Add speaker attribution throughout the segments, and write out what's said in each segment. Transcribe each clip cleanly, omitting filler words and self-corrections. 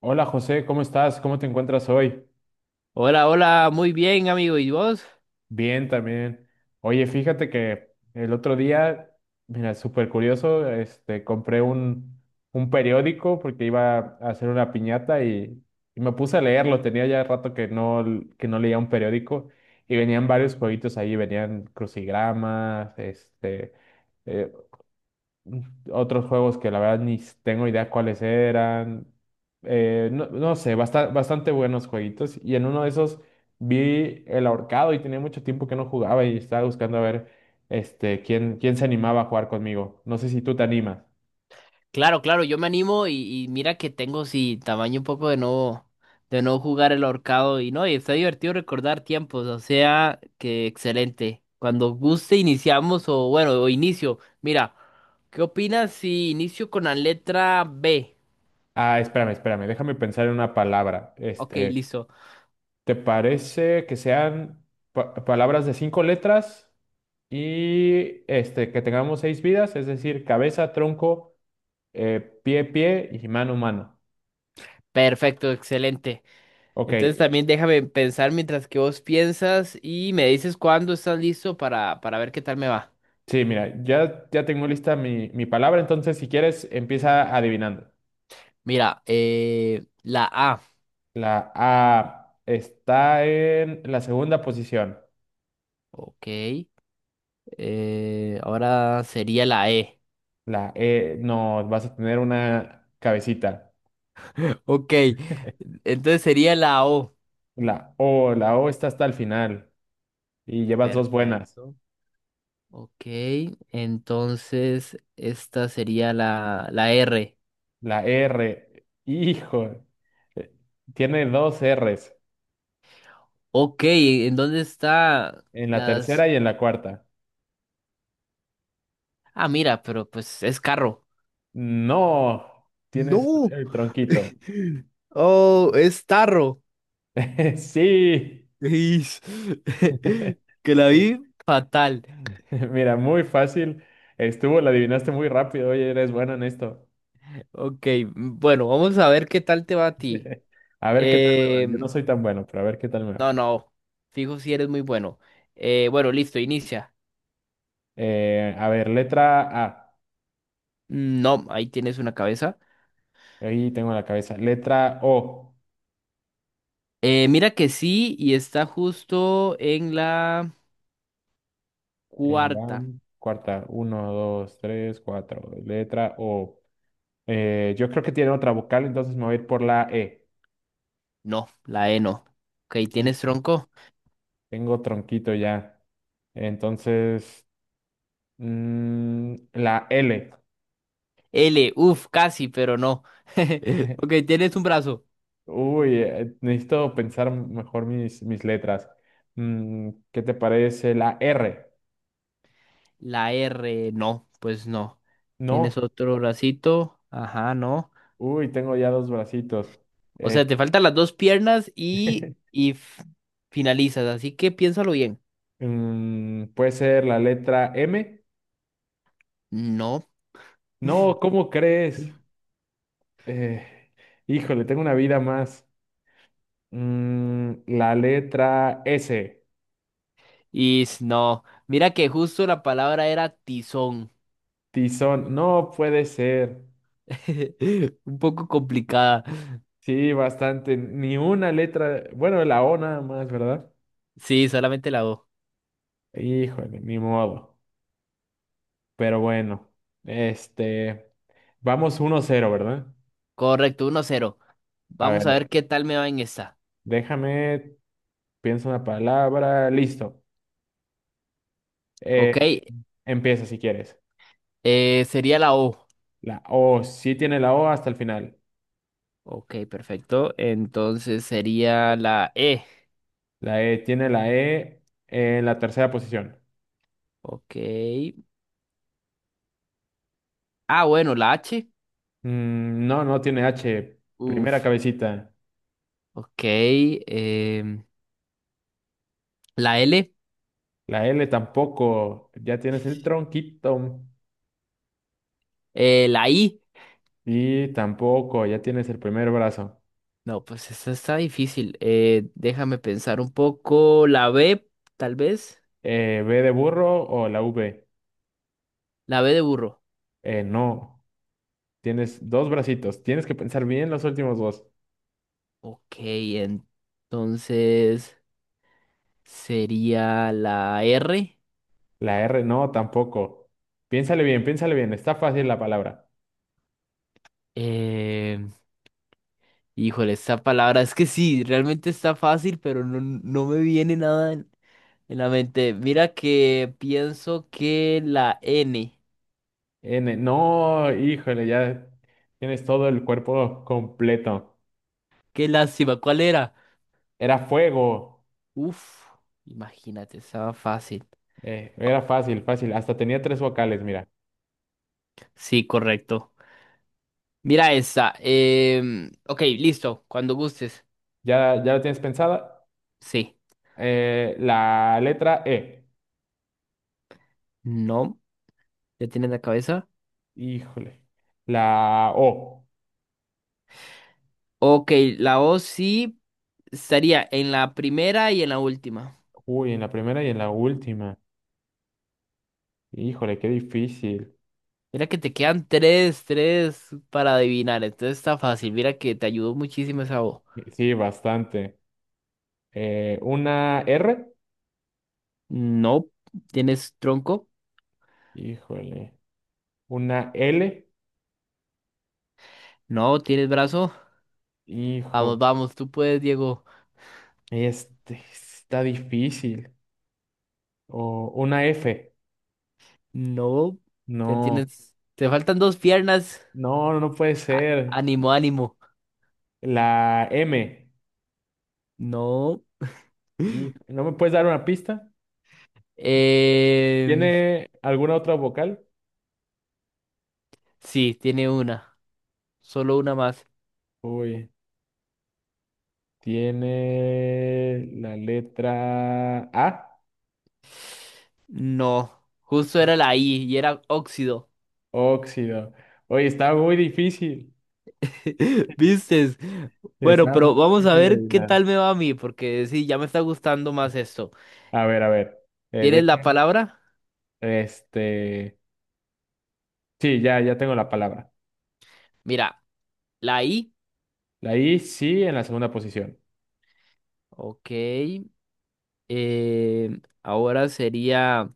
Speaker 1: Hola José, ¿cómo estás? ¿Cómo te encuentras hoy?
Speaker 2: Hola, hola, muy bien, amigo. ¿Y vos?
Speaker 1: Bien también. Oye, fíjate que el otro día, mira, súper curioso, este, compré un periódico porque iba a hacer una piñata y me puse a leerlo. Tenía ya rato que no leía un periódico y venían varios jueguitos ahí, venían crucigramas, este, eh, otros juegos que la verdad ni tengo idea cuáles eran. No, no sé, bastante buenos jueguitos. Y en uno de esos vi El Ahorcado y tenía mucho tiempo que no jugaba y estaba buscando a ver este, quién se animaba a jugar conmigo. No sé si tú te animas.
Speaker 2: Claro, claro, yo me animo y, mira que tengo sí tamaño un poco de no jugar el ahorcado y no, y está divertido recordar tiempos, o sea, que excelente. Cuando guste iniciamos o bueno, o inicio. Mira, ¿qué opinas si inicio con la letra B?
Speaker 1: Ah, espérame, espérame, déjame pensar en una palabra.
Speaker 2: Ok,
Speaker 1: Este,
Speaker 2: listo.
Speaker 1: ¿te parece que sean palabras de cinco letras y este, que tengamos seis vidas? Es decir, cabeza, tronco. Pie, pie y mano, mano.
Speaker 2: Perfecto, excelente.
Speaker 1: Ok,
Speaker 2: Entonces también déjame pensar mientras que vos piensas y me dices cuándo estás listo para ver qué tal me va.
Speaker 1: sí, mira, ya, ya tengo lista mi palabra, entonces si quieres empieza adivinando.
Speaker 2: Mira, la A.
Speaker 1: La A está en la segunda posición.
Speaker 2: Ok. Ahora sería la E.
Speaker 1: La E, no, vas a tener una cabecita.
Speaker 2: Ok. Entonces sería la O.
Speaker 1: La O está hasta el final y llevas dos buenas.
Speaker 2: Perfecto. Ok. Entonces esta sería la R.
Speaker 1: La R, hijo, eh, tiene dos Rs
Speaker 2: Ok. ¿En dónde está
Speaker 1: en la tercera
Speaker 2: las?
Speaker 1: y en la cuarta.
Speaker 2: Ah, mira, pero pues es carro.
Speaker 1: No, tienes
Speaker 2: No.
Speaker 1: el tronquito.
Speaker 2: Oh, es tarro.
Speaker 1: Sí.
Speaker 2: Is. Que la vi
Speaker 1: Oye,
Speaker 2: fatal.
Speaker 1: mira, muy fácil. Estuvo, la adivinaste muy rápido. Oye, eres bueno en esto.
Speaker 2: Ok. Bueno, vamos a ver qué tal te va a ti.
Speaker 1: A ver qué tal me va. Yo no soy tan bueno, pero a ver qué tal me va.
Speaker 2: No, no. Fijo si eres muy bueno. Bueno, listo, inicia.
Speaker 1: A ver, letra A.
Speaker 2: No, ahí tienes una cabeza.
Speaker 1: Ahí tengo la cabeza. Letra O.
Speaker 2: Mira que sí, y está justo en la
Speaker 1: En la
Speaker 2: cuarta.
Speaker 1: cuarta. Uno, dos, tres, cuatro. Letra O. Yo creo que tiene otra vocal, entonces me voy a ir por la E.
Speaker 2: No, la E no. Ok, tienes
Speaker 1: Híjole,
Speaker 2: tronco.
Speaker 1: tengo tronquito ya. Entonces, la L.
Speaker 2: L, uff, casi, pero no. Ok, tienes un brazo.
Speaker 1: Uy, necesito pensar mejor mis letras. ¿Qué te parece la R?
Speaker 2: La R, no, pues no.
Speaker 1: No.
Speaker 2: Tienes otro bracito. Ajá, no.
Speaker 1: Uy, tengo ya dos bracitos.
Speaker 2: O sea,
Speaker 1: Eh,
Speaker 2: te faltan las dos piernas y, finalizas, así que piénsalo bien.
Speaker 1: ¿Puede ser la letra M?
Speaker 2: No.
Speaker 1: No, ¿cómo crees? Eh, híjole, tengo una vida más. La letra S.
Speaker 2: Is no. Mira que justo la palabra era tizón.
Speaker 1: Tizón. No puede ser.
Speaker 2: Un poco complicada.
Speaker 1: Sí, bastante. Ni una letra. Bueno, la O nada más, ¿verdad?
Speaker 2: Sí, solamente la O.
Speaker 1: Híjole, ni modo. Pero bueno, este, vamos 1-0, ¿verdad?
Speaker 2: Correcto, 1-0.
Speaker 1: A
Speaker 2: Vamos a
Speaker 1: ver,
Speaker 2: ver qué tal me va en esta.
Speaker 1: déjame, pienso una palabra, listo. Eh,
Speaker 2: Ok,
Speaker 1: empieza si quieres.
Speaker 2: sería la O.
Speaker 1: La O, sí tiene la O hasta el final.
Speaker 2: Ok, perfecto. Entonces sería la E.
Speaker 1: La E tiene la E en la tercera posición.
Speaker 2: Ok. Ah, bueno, la H.
Speaker 1: No, no tiene H, primera
Speaker 2: Uf.
Speaker 1: cabecita.
Speaker 2: Ok. em, la L.
Speaker 1: La L tampoco, ya tienes el tronquito.
Speaker 2: La I.
Speaker 1: Y tampoco, ya tienes el primer brazo.
Speaker 2: No, pues esta está difícil. Déjame pensar un poco. La B, tal vez.
Speaker 1: ¿B de burro o la V?
Speaker 2: La B de burro.
Speaker 1: No. Tienes dos bracitos. Tienes que pensar bien los últimos dos.
Speaker 2: Ok, entonces sería la R.
Speaker 1: La R no, tampoco. Piénsale bien, piénsale bien. Está fácil la palabra.
Speaker 2: Eh, híjole, esta palabra es que sí, realmente está fácil, pero no, no me viene nada en, la mente. Mira que pienso que la N.
Speaker 1: N, no, híjole, ya tienes todo el cuerpo completo.
Speaker 2: Qué lástima, ¿cuál era?
Speaker 1: Era fuego.
Speaker 2: Uf, imagínate, estaba fácil.
Speaker 1: Era fácil, fácil. Hasta tenía tres vocales, mira.
Speaker 2: Sí, correcto. Mira esta. Ok, listo, cuando gustes.
Speaker 1: Ya, ya la tienes pensada.
Speaker 2: Sí.
Speaker 1: La letra E.
Speaker 2: No, ya tienes la cabeza.
Speaker 1: Híjole. La O.
Speaker 2: Ok, la O sí estaría en la primera y en la última.
Speaker 1: Uy, en la primera y en la última. Híjole, qué difícil.
Speaker 2: Mira que te quedan tres, tres para adivinar. Entonces está fácil. Mira que te ayudó muchísimo esa O.
Speaker 1: Sí, bastante. Una R.
Speaker 2: No, tienes tronco.
Speaker 1: Híjole. Una L.
Speaker 2: No, tienes brazo. Vamos,
Speaker 1: Hijo.
Speaker 2: vamos, tú puedes, Diego.
Speaker 1: Este está difícil. O una F.
Speaker 2: No, ya
Speaker 1: No.
Speaker 2: tienes. Te faltan dos piernas.
Speaker 1: No, no no puede ser.
Speaker 2: Ánimo, ánimo.
Speaker 1: La M.
Speaker 2: No.
Speaker 1: ¿Y no me puedes dar una pista?
Speaker 2: em,
Speaker 1: ¿Tiene alguna otra vocal?
Speaker 2: sí, tiene una. Solo una más.
Speaker 1: Uy. Tiene la letra A.
Speaker 2: No, justo era la I y era óxido.
Speaker 1: Óxido. Oye, está muy difícil.
Speaker 2: Vistes. Bueno,
Speaker 1: Está muy
Speaker 2: pero vamos a
Speaker 1: difícil de
Speaker 2: ver qué
Speaker 1: adivinar.
Speaker 2: tal me va a mí, porque sí, ya me está gustando más esto.
Speaker 1: A ver, a ver. Eh,
Speaker 2: ¿Tienes la
Speaker 1: dejen-
Speaker 2: palabra?
Speaker 1: Este. Sí, ya, ya tengo la palabra.
Speaker 2: Mira, la I.
Speaker 1: La I sí en la segunda posición.
Speaker 2: Ok. Ahora sería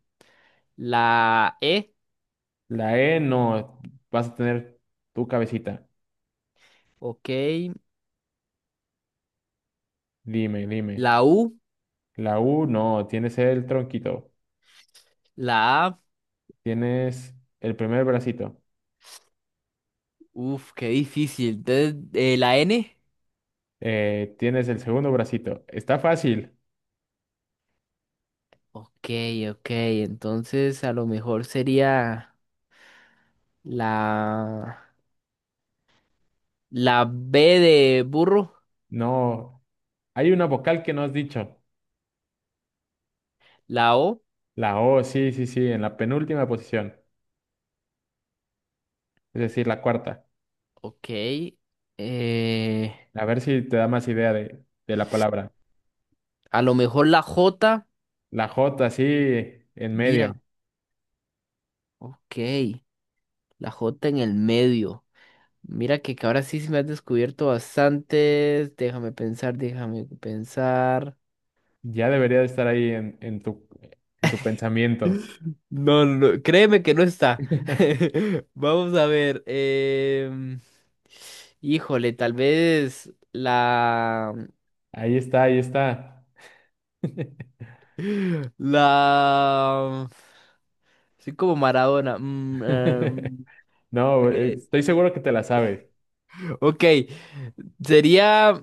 Speaker 2: la E.
Speaker 1: La E no, vas a tener tu cabecita.
Speaker 2: Ok.
Speaker 1: Dime, dime.
Speaker 2: La U.
Speaker 1: La U no, tienes el tronquito,
Speaker 2: La A.
Speaker 1: tienes el primer bracito,
Speaker 2: Uf, qué difícil. Entonces, la N.
Speaker 1: tienes el segundo bracito. Está fácil.
Speaker 2: Ok, ok. Entonces, a lo mejor sería la, la B de burro.
Speaker 1: No, hay una vocal que no has dicho.
Speaker 2: La O.
Speaker 1: La O, sí, sí, sí, en la penúltima posición, es decir, la cuarta.
Speaker 2: Ok. eh,
Speaker 1: A ver si te da más idea de la palabra.
Speaker 2: a lo mejor la J.
Speaker 1: La J, sí, en
Speaker 2: Mira,
Speaker 1: medio.
Speaker 2: ok. La J en el medio. Mira que ahora sí se me has descubierto bastante. Déjame pensar, déjame pensar.
Speaker 1: Ya debería de estar ahí en tu pensamiento.
Speaker 2: No, no, no, créeme que no está. Vamos a ver. Híjole, tal vez
Speaker 1: Ahí está, ahí está.
Speaker 2: La... Soy como Maradona.
Speaker 1: No,
Speaker 2: Eh,
Speaker 1: estoy seguro que te la sabes.
Speaker 2: Ok, sería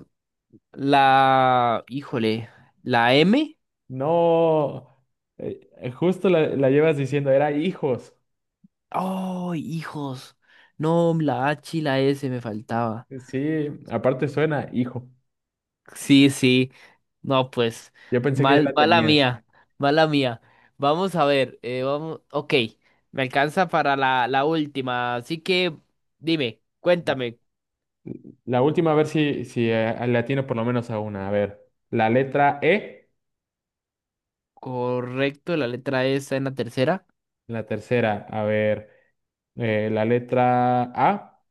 Speaker 2: la, híjole, la M.
Speaker 1: No, justo la llevas diciendo, era hijos.
Speaker 2: Oh, hijos. No, la H y la S me faltaba.
Speaker 1: Sí, aparte suena hijo.
Speaker 2: Sí, sí. No, pues,
Speaker 1: Yo pensé que ya
Speaker 2: mal,
Speaker 1: la
Speaker 2: mala
Speaker 1: tenías.
Speaker 2: mía, mala mía. Vamos a ver, vamos, ok, me alcanza para la última, así que dime,
Speaker 1: La
Speaker 2: cuéntame,
Speaker 1: la última, a ver si le atino por lo menos a una. A ver, la letra E,
Speaker 2: ¿correcto la letra E está en la tercera?
Speaker 1: la tercera. A ver, la letra A,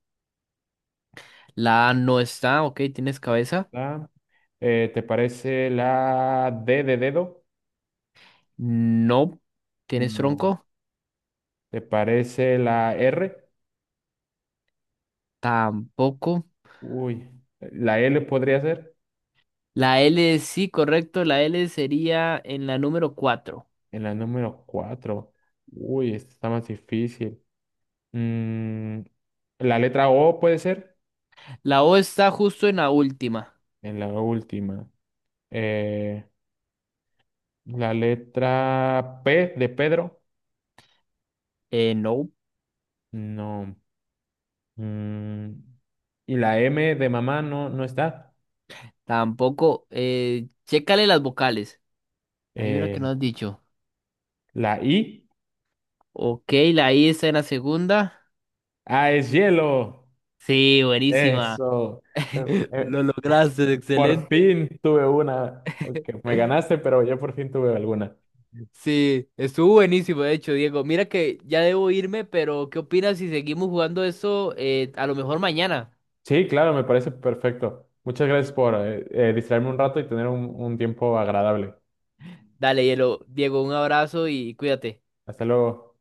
Speaker 2: La A no está, ok, ¿tienes cabeza?
Speaker 1: la- ¿te parece la D de dedo?
Speaker 2: No, ¿tienes
Speaker 1: No.
Speaker 2: tronco?
Speaker 1: ¿Te parece la R?
Speaker 2: Tampoco.
Speaker 1: Uy, la L podría ser
Speaker 2: La L, sí, correcto. La L sería en la número cuatro.
Speaker 1: en la número 4. Uy, esta está más difícil. Mm, la letra O puede ser
Speaker 2: La O está justo en la última.
Speaker 1: en la última. Eh, la letra P de Pedro,
Speaker 2: No.
Speaker 1: no. Mm, y la M de mamá no, no está.
Speaker 2: Tampoco. Chécale las vocales. Hay una
Speaker 1: Eh,
Speaker 2: que no has dicho.
Speaker 1: la I,
Speaker 2: Ok, la I está en la segunda.
Speaker 1: ah, es hielo.
Speaker 2: Sí, buenísima.
Speaker 1: Eso. Eh, eh,
Speaker 2: Lo lograste,
Speaker 1: por
Speaker 2: excelente.
Speaker 1: fin tuve una. Ok, me ganaste, pero yo por fin tuve alguna.
Speaker 2: Sí, estuvo buenísimo, de hecho, Diego. Mira que ya debo irme, pero ¿qué opinas si seguimos jugando eso a lo mejor mañana?
Speaker 1: Sí, claro, me parece perfecto. Muchas gracias por distraerme un rato y tener un tiempo agradable.
Speaker 2: Dale, Hielo. Diego, un abrazo y cuídate.
Speaker 1: Hasta luego.